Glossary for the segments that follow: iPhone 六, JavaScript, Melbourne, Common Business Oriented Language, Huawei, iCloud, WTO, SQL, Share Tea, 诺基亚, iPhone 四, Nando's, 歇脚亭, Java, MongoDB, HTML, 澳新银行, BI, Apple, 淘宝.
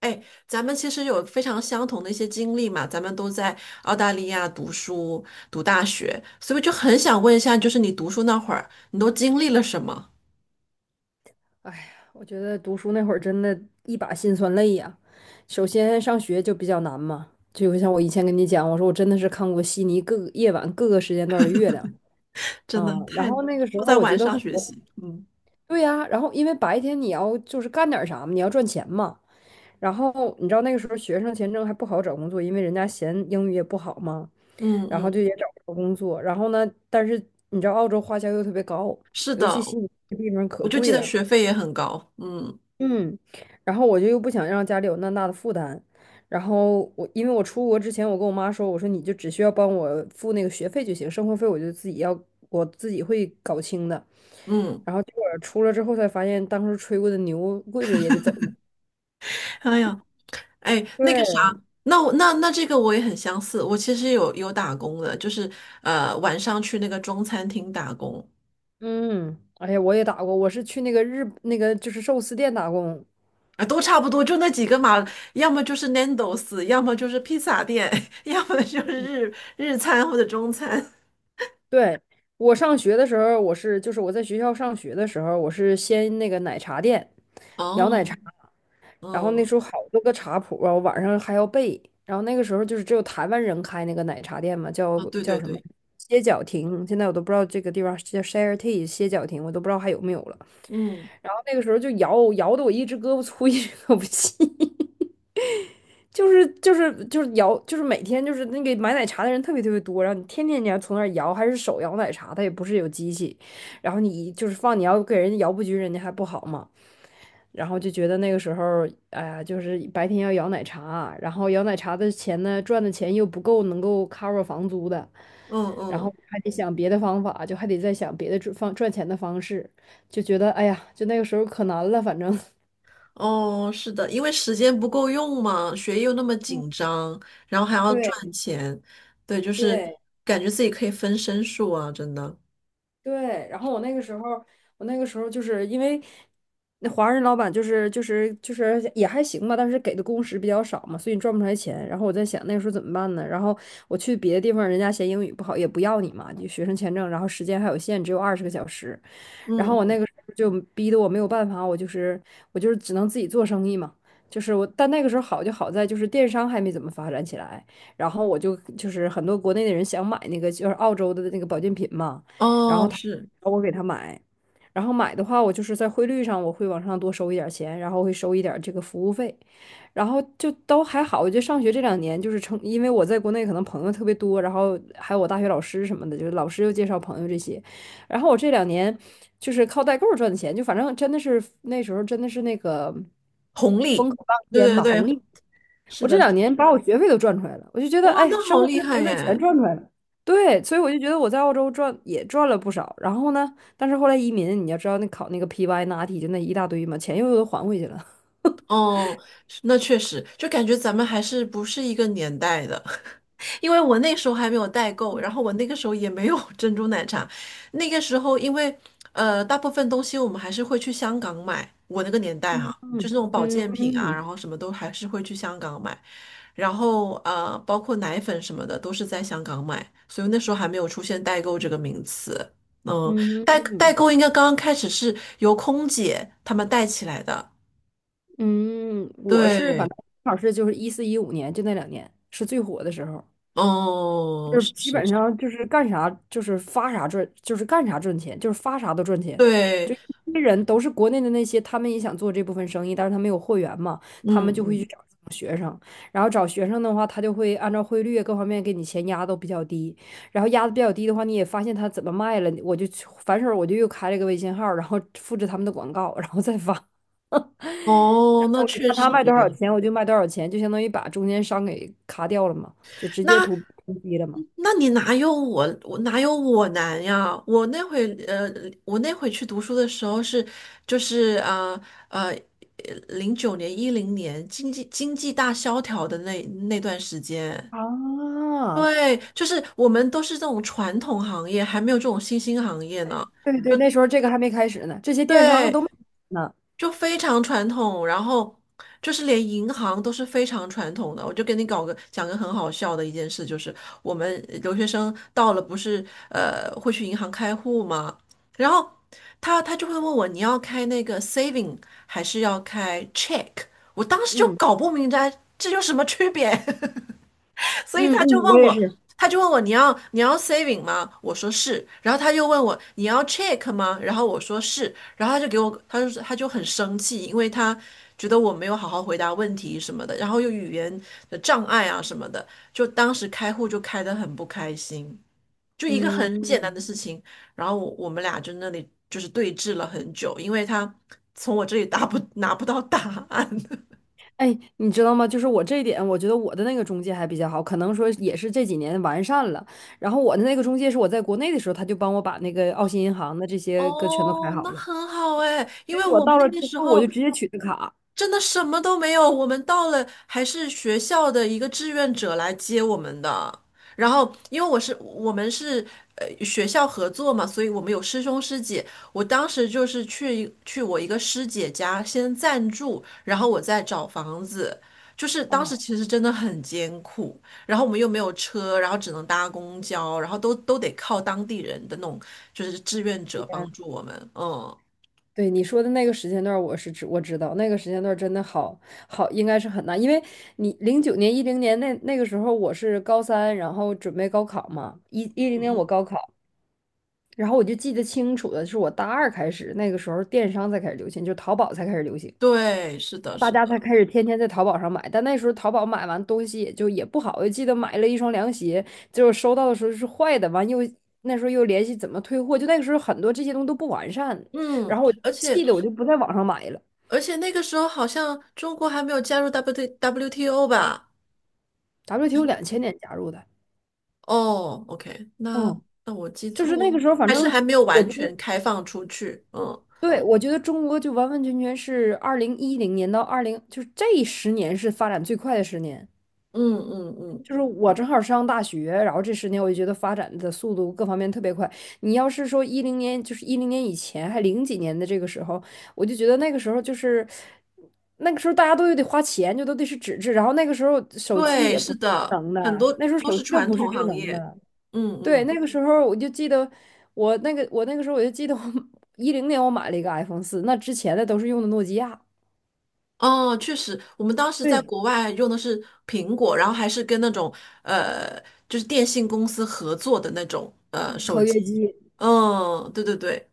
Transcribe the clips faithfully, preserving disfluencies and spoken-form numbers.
哎，咱们其实有非常相同的一些经历嘛，咱们都在澳大利亚读书、读大学，所以就很想问一下，就是你读书那会儿，你都经历了什么？哎呀，我觉得读书那会儿真的一把辛酸泪呀。首先上学就比较难嘛，就像我以前跟你讲，我说我真的是看过悉尼各个夜晚各个时间段的月亮真的啊。然太，后那个时都候在我觉晚得上活学习。嗯对呀，然后因为白天你要就是干点啥嘛，你要赚钱嘛。然后你知道那个时候学生签证还不好找工作，因为人家嫌英语也不好嘛，嗯然后就嗯，也找不着工作。然后呢，但是你知道澳洲花销又特别高，是尤其的，悉尼这个地方可我就记贵得了。学费也很高。嗯嗯，然后我就又不想让家里有那么大的负担，然后我因为我出国之前，我跟我妈说，我说你就只需要帮我付那个学费就行，生活费我就自己要，我自己会搞清的。嗯，然后结果出了之后才发现，当初吹过的牛跪着也得走。哎呀，哎，那个啥，对。那我那那这个我也很相似，我其实有有打工的，就是呃晚上去那个中餐厅打工。嗯。哎呀，我也打过，我是去那个日那个就是寿司店打工。啊，都差不多，就那几个嘛，要么就是 Nando's，要么就是披萨店，要么就是日日餐或者中餐。对。我上学的时候，我是就是我在学校上学的时候，我是先那个奶茶店摇奶哦，茶，然后那嗯，时候好多个茶谱啊，我晚上还要背。然后那个时候就是只有台湾人开那个奶茶店嘛，叫啊，对叫对什么对，歇脚亭，现在我都不知道这个地方叫 Share Tea 歇脚亭，我都不知道还有没有了。嗯然后那个时候就摇摇的我一只胳膊粗一只胳膊细。就是就是就是摇，就是每天就是那个买奶茶的人特别特别多，然后你天天你要从那儿摇，还是手摇奶茶，它也不是有机器，然后你就是放你要给人家摇不均，人家还不好嘛，然后就觉得那个时候，哎呀，就是白天要摇奶茶，然后摇奶茶的钱呢，赚的钱又不够能够 cover 房租的，嗯然后嗯，还得想别的方法，就还得再想别的赚方赚钱的方式，就觉得哎呀，就那个时候可难了，反正。哦，是的，因为时间不够用嘛，学业又那么紧张，然后还要对赚钱，对，就是对。感觉自己可以分身术啊，真的。对。然后我那个时候，我那个时候就是因为那华人老板就是就是就是也还行吧，但是给的工时比较少嘛，所以你赚不出来钱。然后我在想那个时候怎么办呢？然后我去别的地方，人家嫌英语不好，也不要你嘛，就学生签证，然后时间还有限，只有二十个小时。然嗯，后我那个时候就逼得我没有办法，我就是我就是只能自己做生意嘛。就是我，但那个时候好就好在就是电商还没怎么发展起来，然后我就就是很多国内的人想买那个就是澳洲的那个保健品嘛。哦，是我给他买，然后买的话，我就是在汇率上我会往上多收一点儿钱，然后会收一点儿这个服务费，然后就都还好。我觉得上学这两年就是成，因为我在国内可能朋友特别多，然后还有我大学老师什么的，就是老师又介绍朋友这些，然后我这两年就是靠代购赚的钱，就反正真的是那时候真的是那个红风利，口浪尖对吧，对红对，利。是我这的，是两的，年把我学费都赚出来了，我就觉得，哇，哎，那生好活费、厉害学费全耶！赚出来了。对，所以我就觉得我在澳洲赚也赚了不少。然后呢，但是后来移民，你要知道那考那个 P Y、n a t 就那一大堆嘛，钱又都还回去了。哦，是那确实，就感觉咱们还是不是一个年代的，因为我那时候还没有代购，然后我那个时候也没有 珍珠奶茶，那个时候因为呃，大部分东西我们还是会去香港买，我那个年代嗯哈，就是那种保健嗯品啊，然后什么都还是会去香港买，然后呃，包括奶粉什么的都是在香港买，所以那时候还没有出现代购这个名词，嗯，嗯代代购应该刚刚开始是由空姐他们带起来的，嗯。我是反对。正正好是就是一四一五年就那两年是最火的时候。哦，就是是基是本是，上就是干啥就是发啥赚，就是干啥赚钱，就是发啥都赚钱。对，就一些人都是国内的那些，他们也想做这部分生意，但是他没有货源嘛，他嗯们就会去嗯，找这种学生，然后找学生的话，他就会按照汇率各方面给你钱压都比较低，然后压的比较低的话，你也发现他怎么卖了，我就去反手我就又开了个微信号，然后复制他们的广告，然后再发。我哦，那就确看他实卖多少诶，钱，我就卖多少钱，就相当于把中间商给卡掉了嘛，就直接那图图低了嘛。那你哪有我我哪有我难呀？我那会呃，我那会去读书的时候是就是啊呃，呃零九年一零年经济经济大萧条的那那段时间，啊。对，就是我们都是这种传统行业，还没有这种新兴行业呢。对就对。那时候这个还没开始呢，这些电商对，都没呢。就非常传统，然后就是连银行都是非常传统的。我就跟你搞个讲个很好笑的一件事，就是我们留学生到了不是呃会去银行开户吗？然后他他就会问我你要开那个 saving 还是要开 check？我当时就嗯搞不明白这有什么区别。所以嗯他就嗯，我问也我，是。他就问我你要你要 saving 吗？我说是，然后他又问我你要 check 吗？然后我说是，然后他就给我，他就他就很生气，因为他觉得我没有好好回答问题什么的，然后又语言的障碍啊什么的，就当时开户就开得很不开心，就一个很简单嗯，的事情，然后我我们俩就那里就是对峙了很久，因为他从我这里答不拿不到答案。哎，你知道吗？就是我这一点，我觉得我的那个中介还比较好，可能说也是这几年完善了。然后我的那个中介是我在国内的时候，他就帮我把那个澳新银行的这些个全都开哦，好那了。很好哎，因结为果我们到那了个之时后，我就候，直接取的卡。真的什么都没有，我们到了还是学校的一个志愿者来接我们的。然后，因为我是我们是呃学校合作嘛，所以我们有师兄师姐。我当时就是去去我一个师姐家先暂住，然后我再找房子。就是当时哦，其实真的很艰苦，然后我们又没有车，然后只能搭公交，然后都都得靠当地人的那种就是志愿者帮助我们。嗯，对你说的那个时间段儿我是知我知道那个时间段儿真的好好，应该是很难，因为你零九年、一零年那那个时候我是高三，然后准备高考嘛，一一零年我高考，然后我就记得清楚的是我大二开始，那个时候电商才开始流行，就淘宝才开始流行，对，是的，大是家才的，开始天天在淘宝上买，但那时候淘宝买完东西也就也不好，我记得买了一双凉鞋，就果收到的时候是坏的，完又那时候又联系怎么退货，就那个时候很多这些东西都不完善，嗯。然后我而且气的我就不在网上买了。而且那个时候好像中国还没有加入 W T W T O 吧？W T O 两千年加入的。哦，OK，那嗯，那我记就错是那了，个时候，反还是正还没有我完觉得，全开放出去。嗯对，我觉得中国就完完全全是二零一零年到二零，就是这十年是发展最快的十年。嗯嗯嗯，就是我正好上大学，然后这十年我就觉得发展的速度各方面特别快。你要是说一零年，就是一零年以前，还零几年的这个时候，我就觉得那个时候就是那个时候大家都有得花钱，就都得是纸质，然后那个时候手机对，也不是是智的，能的，很多那时候都手是机又传不是统智行能业。的。嗯对，嗯，那个时候我就记得我那个我那个时候我就记得我 一零年我买了一个 iPhone 四，那之前的都是用的诺基亚。哦，确实，我们当时在对，国外用的是苹果，然后还是跟那种呃，就是电信公司合作的那种呃手合 机。约机。嗯，对对对，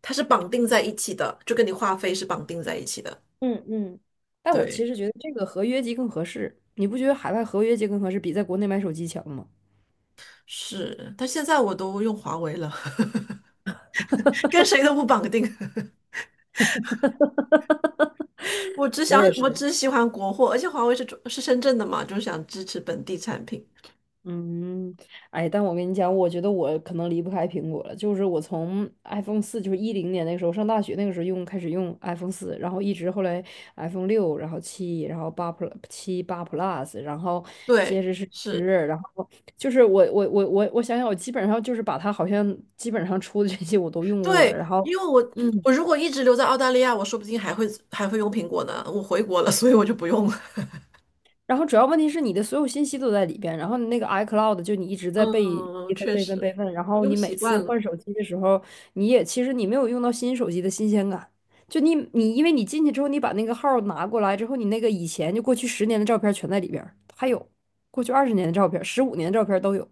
它是绑定在一起的，就跟你话费是绑定在一起的。嗯嗯，但我其对，实觉得这个合约机更合适，你不觉得海外合约机更合适，比在国内买手机强吗？是，但现在我都用华为了，跟谁都不绑定。我只我想，也我是。只喜欢国货，而且华为是中是深圳的嘛，就是想支持本地产品。嗯，哎，但我跟你讲，我觉得我可能离不开苹果了。就是我从 iPhone 四，就是一零年那个时候上大学那个时候用，开始用 iPhone 四，然后一直后来 iPhone 六，然后七，然后八 Plus 七八 Plus,然后接对，着是十，是，然后就是我我我我我想想，我基本上就是把它好像基本上出的这些我都用过对，了，然后。因为我嗯。我如果一直留在澳大利亚，我说不定还会还会用苹果呢。我回国了，所以我就不用了。然后主要问题是你的所有信息都在里边，然后你那个 iCloud 就你一直 在备嗯，备份确备份备实，份，然后用你每习次惯换了。手机的时候，你也其实你没有用到新手机的新鲜感，就你你因为你进去之后，你把那个号拿过来之后，你那个以前就过去十年的照片全在里边儿还有过去二十年的照片、十五年的照片都有，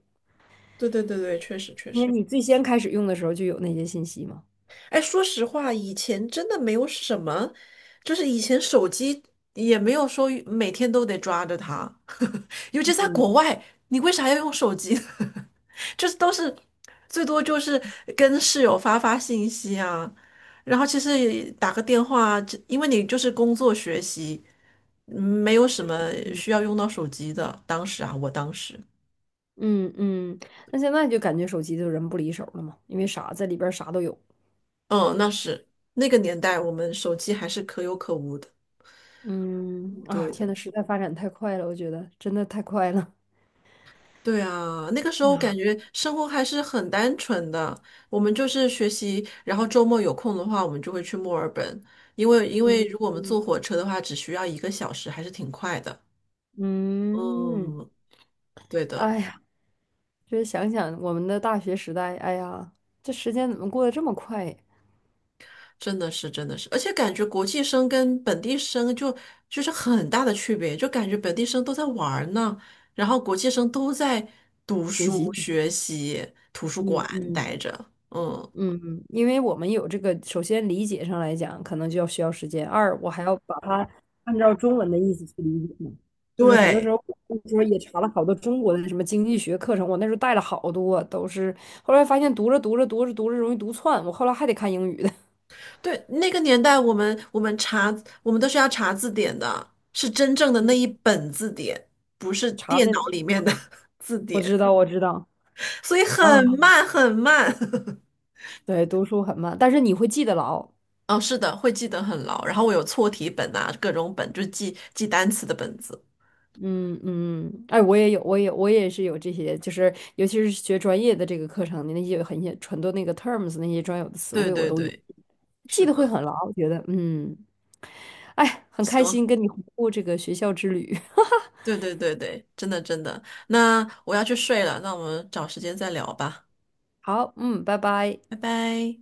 对对对对，确实确因为实。你最先开始用的时候就有那些信息嘛。哎，说实话，以前真的没有什么，就是以前手机也没有说每天都得抓着它，尤其在国嗯外，你为啥要用手机呢？就是都是最多就是跟室友发发信息啊，然后其实也打个电话，这因为你就是工作学习，嗯没有什么需要用到手机的。当时啊，我当时，嗯嗯，那现在就感觉手机就人不离手了嘛，因为啥在里边儿啥都有。嗯，那是那个年代，我们手机还是可有可无的，嗯，啊，对天的。呐，时代发展太快了，我觉得真的太快了。对啊，那个时候感觉生活还是很单纯的，我们就是学习，然后周末有空的话，我们就会去墨尔本，因为因为嗯如果我们坐火车的话，只需要一个小时，还是挺快的。嗯，嗯，对的，哎呀，就是想想我们的大学时代，哎呀，这时间怎么过得这么快呀真的是真的是，而且感觉国际生跟本地生就就是很大的区别，就感觉本地生都在玩儿呢，然后国际生都在读学书、习。学习、图书馆嗯嗯待着。嗯，嗯，因为我们有这个，首先理解上来讲，可能就要需要时间；二，我还要把它按照中文的意思去理解嘛就是很多时对。候，我那时候也查了好多中国的什么经济学课程，我那时候带了好多，都是后来发现读着读着读着读着容易读串，我后来还得看英语。的。对，那个年代我们我们查我们都是要查字典的，是真正的那一本字典，不是查的电那脑种。里面的 字我典，知道，我知道所以啊，很慢很慢。对，读书很慢，但是你会记得牢。哦，是的，会记得很牢。然后我有错题本啊，各种本，就是记记单词的本子。嗯嗯，哎，我也有，我也我也是有这些，就是尤其是学专业的这个课程，那些很些很多那个 terms 那些专有的词对汇，我对都也对，是记得会的，很牢。我觉得，嗯，哎，很开行，心跟你回顾这个学校之旅。对对对对，真的真的。那我要去睡了，那我们找时间再聊吧，好，嗯，拜拜。拜拜。